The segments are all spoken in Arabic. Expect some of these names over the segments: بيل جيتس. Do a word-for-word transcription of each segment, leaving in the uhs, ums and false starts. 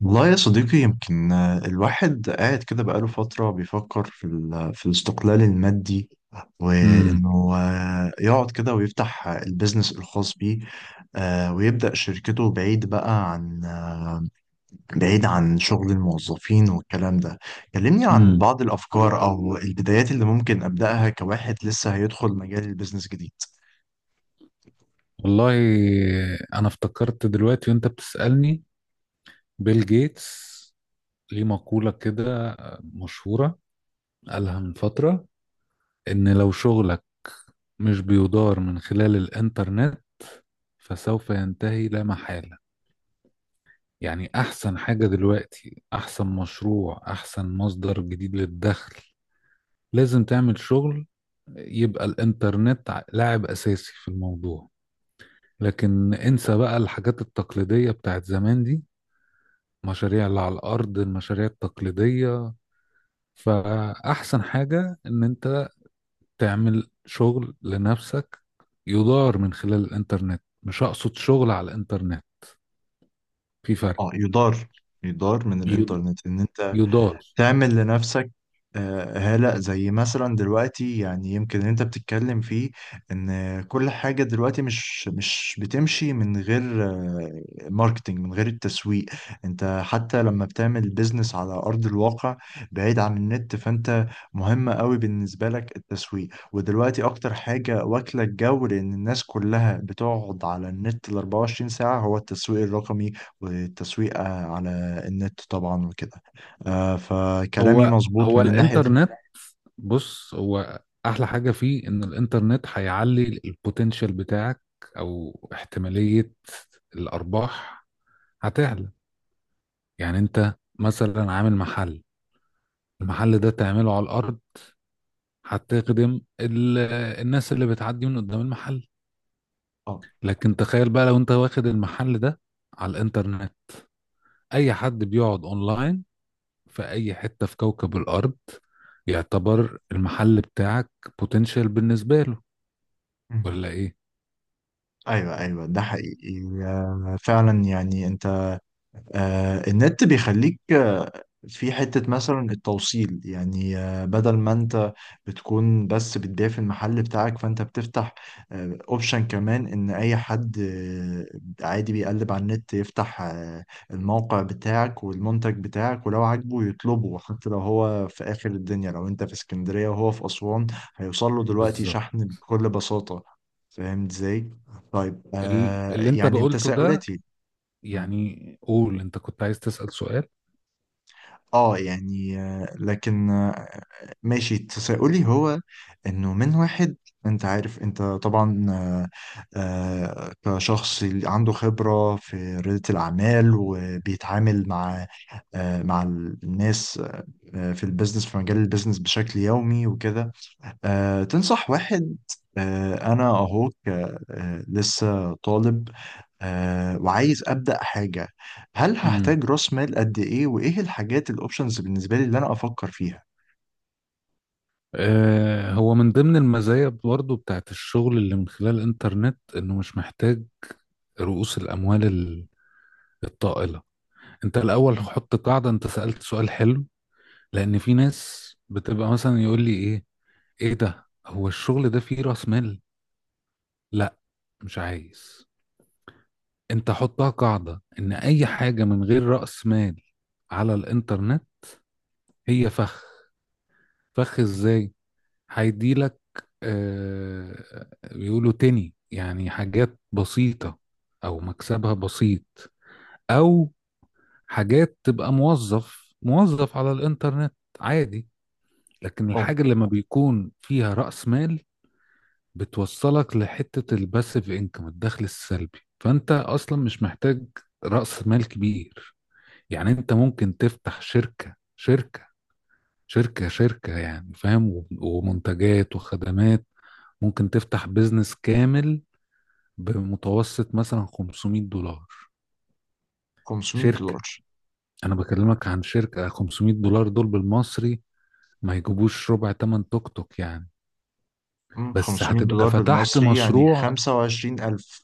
والله يا صديقي يمكن آه، الواحد قاعد كده بقاله فترة بيفكر في ال- في الاستقلال المادي. امم وإنه آه، يقعد كده ويفتح البيزنس الخاص بيه. آه، ويبدأ شركته بعيد بقى عن بعيد عن شغل الموظفين والكلام ده. كلمني عن امم بعض الأفكار أو البدايات اللي ممكن أبدأها كواحد لسه هيدخل مجال البيزنس جديد. والله، انا افتكرت دلوقتي وانت بتسألني بيل جيتس ليه مقولة كده مشهورة قالها من فترة ان لو شغلك مش بيدار من خلال الانترنت فسوف ينتهي لا محالة. يعني احسن حاجة دلوقتي، احسن مشروع، احسن مصدر جديد للدخل لازم تعمل شغل يبقى الانترنت ع- لاعب اساسي في الموضوع. لكن انسى بقى الحاجات التقليدية بتاعت زمان دي، مشاريع اللي على الأرض، المشاريع التقليدية. فأحسن حاجة إن أنت تعمل شغل لنفسك يدار من خلال الإنترنت، مش أقصد شغل على الإنترنت، في فرق. اه، يدار يدار من يد- الإنترنت إن أنت يدار. تعمل لنفسك. آه، هلأ زي مثلا دلوقتي يعني يمكن اللي انت بتتكلم فيه، ان كل حاجة دلوقتي مش مش بتمشي من غير آه، ماركتينج، من غير التسويق. انت حتى لما بتعمل بيزنس على ارض الواقع بعيد عن النت، فانت مهم قوي بالنسبة لك التسويق. ودلوقتي اكتر حاجة واكلة الجو لان الناس كلها بتقعد على النت ال أربعة وعشرين ساعة هو التسويق الرقمي. والتسويق آه، على النت طبعا وكده. آه فكلامي هو مظبوط هو من الناحية دي. الإنترنت. بص، هو أحلى حاجة فيه إن الإنترنت هيعلي البوتنشال بتاعك، أو احتمالية الأرباح هتعلى. يعني أنت مثلا عامل محل، المحل ده تعمله على الأرض هتخدم ال... الناس اللي بتعدي من قدام المحل. اه، لكن تخيل بقى لو انت واخد المحل ده على الانترنت، اي حد بيقعد اونلاين في اي حتة في كوكب الارض يعتبر المحل بتاعك بوتنشال بالنسبة له، مهم. ولا ايه؟ ايوه، ايوه، ده حقيقي آه فعلا. يعني انت آه، النت بيخليك آه، في حتة مثلا التوصيل. يعني آه، بدل ما انت بتكون بس بتبيع في المحل بتاعك، فانت بتفتح اوبشن كمان ان اي حد آه، عادي بيقلب على النت، يفتح آه، الموقع بتاعك والمنتج بتاعك ولو عاجبه يطلبه. حتى لو هو في اخر الدنيا، لو انت في اسكندرية وهو في اسوان، هيوصل له دلوقتي بالظبط. شحن بكل بساطة. فاهم ازاي؟ طيب، ال- آه اللي انت يعني بقولته ده، تساؤلاتي. يعني قول، انت كنت عايز تسأل سؤال. اه، يعني آه، لكن آه، ماشي، تساؤلي هو انه من واحد. انت عارف، انت طبعا آه، آه، كشخص عنده خبرة في ريادة الأعمال وبيتعامل مع آه، مع الناس آه، في البيزنس، في مجال البيزنس بشكل يومي وكده. آه، تنصح واحد، آه، انا اهو ك- آه، لسه طالب آه وعايز أبدأ حاجة. هل امم هحتاج رأس مال قد إيه؟ وإيه الحاجات الأوبشنز بالنسبة لي اللي أنا أفكر فيها؟ آه، هو من ضمن المزايا برضه بتاعت الشغل اللي من خلال الانترنت انه مش محتاج رؤوس الاموال ال- الطائلة. انت الاول مم. حط قاعده، انت سالت سؤال حلو، لان في ناس بتبقى مثلا يقول لي ايه، ايه ده؟ هو الشغل ده فيه راس مال؟ لا، مش عايز. انت حطها قاعده ان اي حاجه من غير راس مال على الانترنت هي فخ. فخ ازاي؟ هيديلك آه، بيقولوا تاني يعني حاجات بسيطه او مكسبها بسيط، او حاجات تبقى موظف موظف على الانترنت عادي. لكن أه، الحاجة اللي ما بيكون فيها رأس مال بتوصلك لحتة الباسيف انكم، الدخل السلبي، فانت اصلا مش محتاج رأس مال كبير. يعني انت ممكن تفتح شركة شركة شركة شركة يعني، فاهم، و- ومنتجات وخدمات، ممكن تفتح بيزنس كامل بمتوسط مثلا خمسمائة دولار. 500 شركة. دولار انا بكلمك عن شركة خمسمائة دولار دول بالمصري ما يجيبوش ربع تمن توك توك يعني. مم، بس 500 هتبقى دولار فتحت بالمصري يعني مشروع خمسة وعشرين ألف.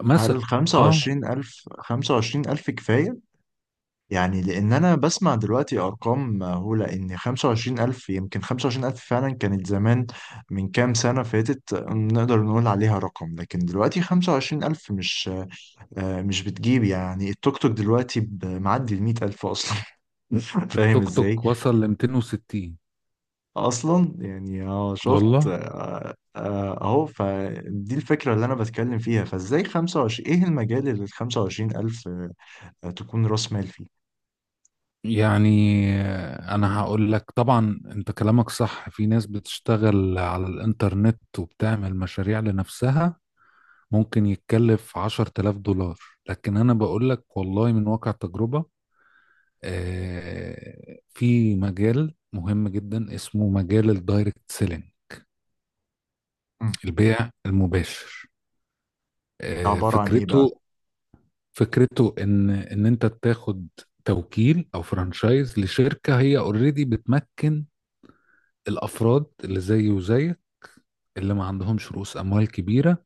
مثلا. هل اه خمسة وعشرين ألف خمسة وعشرين ألف كفاية؟ يعني لأن أنا بسمع دلوقتي أرقام مهولة، إن خمسة وعشرين ألف يمكن خمسة وعشرين ألف فعلا كانت زمان، من كام سنة فاتت نقدر نقول عليها رقم، لكن دلوقتي خمسة وعشرين ألف مش آه، مش بتجيب. يعني التوك توك دلوقتي ب- معدي المية ألف أصلا. فاهم التوك توك ازاي وصل ل ميتين وستين. اصلا؟ يعني اه، شفت. والله آه، آه، اهو فدي الفكره اللي انا بتكلم فيها. فازاي خمسة وعشرين ألف، ايه المجال اللي ال خمسة وعشرين ألف آه، تكون راس مال فيه؟ يعني انا هقول لك، طبعا انت كلامك صح، في ناس بتشتغل على الانترنت وبتعمل مشاريع لنفسها ممكن يتكلف عشر تلاف دولار. لكن انا بقول لك والله من واقع تجربة، آه، في مجال مهم جدا اسمه مجال الدايركت سيلينج، مم. البيع المباشر. ده آه، عباره عن ايه بقى؟ فكرته فكرته ان ان انت تاخد توكيل او فرانشايز لشركه هي اوريدي بتمكن الافراد اللي زيي وزيك، اللي ما عندهمش رؤوس اموال كبيره.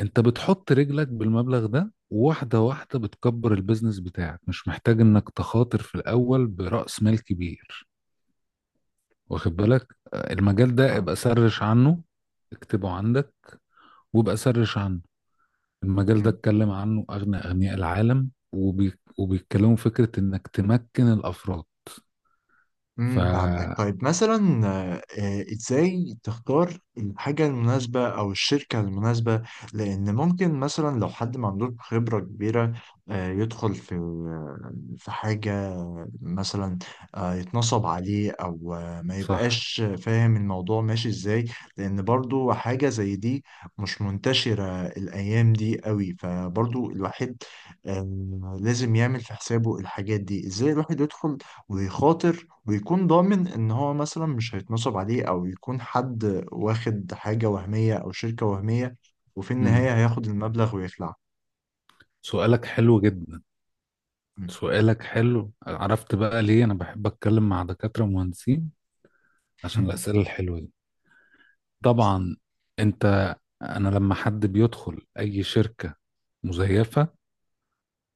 انت بتحط رجلك بالمبلغ ده، واحده واحده بتكبر البيزنس بتاعك، مش محتاج انك تخاطر في الاول براس مال كبير، واخد بالك؟ آه، المجال ده ابقى سرش عنه، اكتبه عندك وابقى سرش عنه. المجال ده اتكلم عنه اغنى اغنياء العالم وبي... وبيتكلموا فكره انك تمكن الافراد. ف امم، فهمتك. طيب مثلا آه، آه، ازاي تختار الحاجة المناسبة او الشركة المناسبة؟ لان ممكن مثلا لو حد ما عندوش خبرة كبيرة، آه، يدخل في في حاجة، مثلا آه، يتنصب عليه، او آه، ما صح. يبقاش فاهم الموضوع ماشي ازاي. لان برضو حاجة زي دي مش منتشرة الايام دي قوي، فبرضو الواحد آه، لازم يعمل في حسابه الحاجات دي. ازاي الواحد يدخل ويخاطر، ويكون ضامن ان هو مثلا مش هيتنصب عليه، او يكون حد واخد حاجة وهمية او شركة وهمية وفي مم. النهاية هياخد المبلغ ويخلع. سؤالك حلو جدا. مم. سؤالك حلو، عرفت بقى ليه انا بحب اتكلم مع دكاترة مهندسين؟ عشان الأسئلة الحلوة دي. طبعا. انت انا لما حد بيدخل اي شركة مزيفة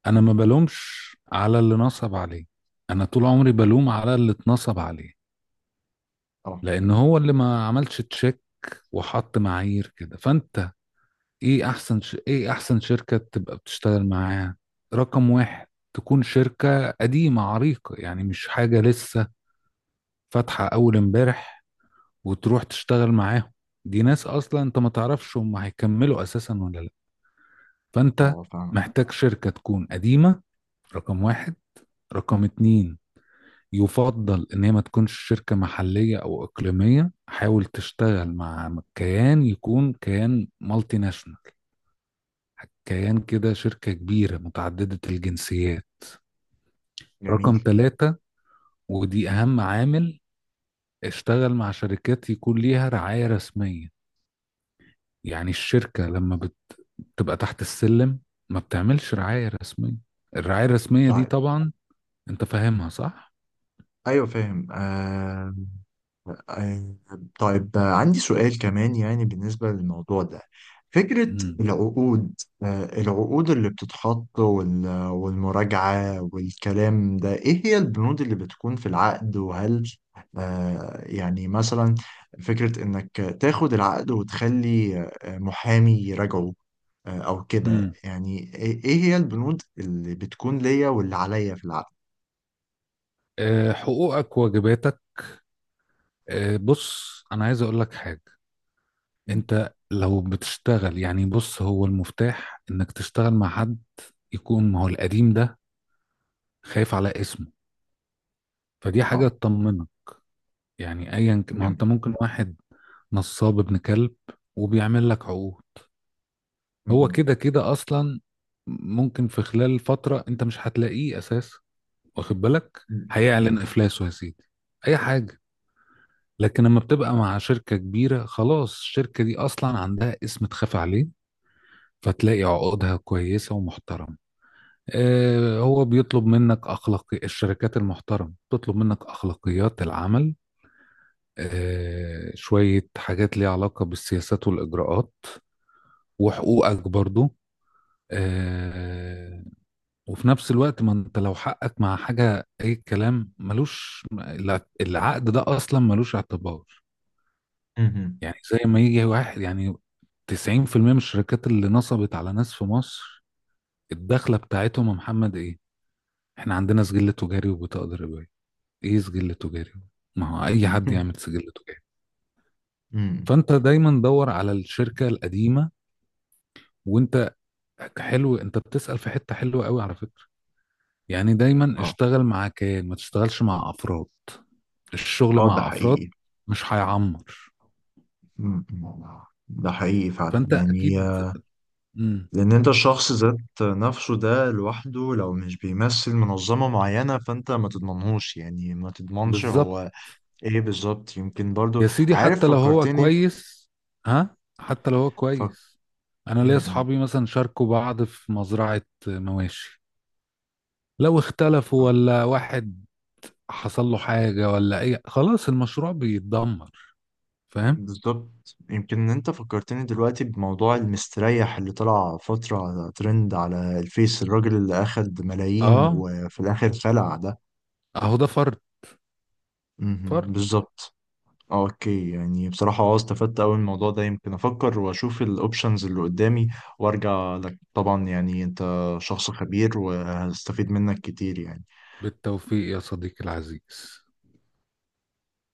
انا ما بلومش على اللي نصب عليه، انا طول عمري بلوم على اللي اتنصب عليه، اه، لان هو اللي ما عملش تشيك وحط معايير كده. فانت ايه احسن ش... ايه احسن شركة تبقى بتشتغل معاها؟ رقم واحد، تكون شركة قديمة عريقة، يعني مش حاجة لسه فاتحة اول امبارح وتروح تشتغل معاهم، دي ناس اصلا انت ما تعرفش هم هيكملوا اساسا ولا لا. فانت اه، فاهمك. محتاج شركة تكون قديمة، رقم واحد. رقم اتنين، يفضل ان هي ما تكونش شركة محلية او اقليمية، حاول تشتغل مع كيان يكون كيان مالتي ناشونال، كيان كده شركة كبيرة متعددة الجنسيات. جميل. رقم ثلاثة، ودي أهم عامل، اشتغل مع شركات يكون ليها رعاية رسمية. يعني الشركة لما بت- بتبقى تحت السلم ما بتعملش رعاية رسمية. الرعاية الرسمية دي طيب، طبعا انت فاهمها صح؟ ايوه فاهم آه آه، طيب آه، عندي سؤال كمان يعني بالنسبة للموضوع ده، فكرة مم. العقود. آه، العقود اللي بتتحط وال- والمراجعة والكلام ده، إيه هي البنود اللي بتكون في العقد؟ وهل آه، يعني مثلا فكرة إنك تاخد العقد وتخلي آه، محامي يراجعه آه، أو كده؟ مم. يعني إيه إيه هي البنود اللي بتكون ليا واللي عليا في العقد؟ أه، حقوقك واجباتك. أه، بص، أنا عايز أقول لك حاجة. م، انت لو بتشتغل، يعني بص، هو المفتاح انك تشتغل مع حد يكون ما هو القديم ده خايف على اسمه، فدي حاجة أه. تطمنك. يعني أيا ك- ما هو أنت جميل. ممكن واحد نصاب ابن كلب وبيعمل لك عقود، هو مهم. كده كده أصلا ممكن في خلال فترة أنت مش هتلاقيه أساس، واخد بالك؟ مم. هيعلن إفلاسه يا سيدي أي حاجة. لكن لما بتبقى مع شركة كبيرة خلاص، الشركة دي أصلا عندها اسم تخاف عليه، فتلاقي عقودها كويسة ومحترمة. آه، هو بيطلب منك أخلاقي، الشركات المحترمة بتطلب منك أخلاقيات العمل، آه، شوية حاجات ليها علاقة بالسياسات والإجراءات وحقوقك برضو. آه، وفي نفس الوقت ما انت لو حقك مع حاجة أي كلام، ملوش الع- العقد ده أصلا ملوش اعتبار. مهم. يعني زي ما يجي واحد، يعني تسعين في المية من الشركات اللي نصبت على ناس في مصر الدخلة بتاعتهم يا محمد إيه؟ إحنا عندنا سجل تجاري وبطاقة ضريبية. إيه سجل تجاري؟ ما هو أي حد يعمل سجل تجاري. مم. فأنت دايما دور على الشركة القديمة، وانت حلو، انت بتسأل في حتة حلوة قوي على فكرة. يعني دايما آه. اشتغل مع كيان ما تشتغلش مع افراد، الشغل اه، ده مع افراد حقيقي. مش هيعمر. مم. ده حقيقي فعلا فانت يعني اكيد. آه، مم. لأن أنت الشخص ذات نفسه ده لوحده، لو مش بيمثل منظمة معينة، فأنت ما تضمنهوش، يعني ما تضمنش بالظبط. هو. إيه، بالظبط يمكن برضو. يا سيدي عارف، حتى لو هو فكرتني. كويس، ها، حتى لو هو فك... كويس، انا ليا مم. اصحابي مثلا شاركوا بعض في مزرعة مواشي، لو اختلفوا ولا واحد حصل له حاجة ولا اي، خلاص المشروع بيتدمر، فاهم؟ بالظبط. يمكن إن أنت فكرتني دلوقتي بموضوع المستريح اللي طلع فترة على ترند على الفيس، الراجل اللي أخد ملايين اه، وفي الآخر خلع ده. اهو ده فرد، مم. فرد. بالظبط. آه، اوكي. يعني بصراحة اه، استفدت اوي من الموضوع ده. يمكن افكر واشوف الاوبشنز اللي قدامي وارجع لك طبعا. يعني انت شخص خبير وهستفيد منك كتير يعني. بالتوفيق يا صديقي العزيز.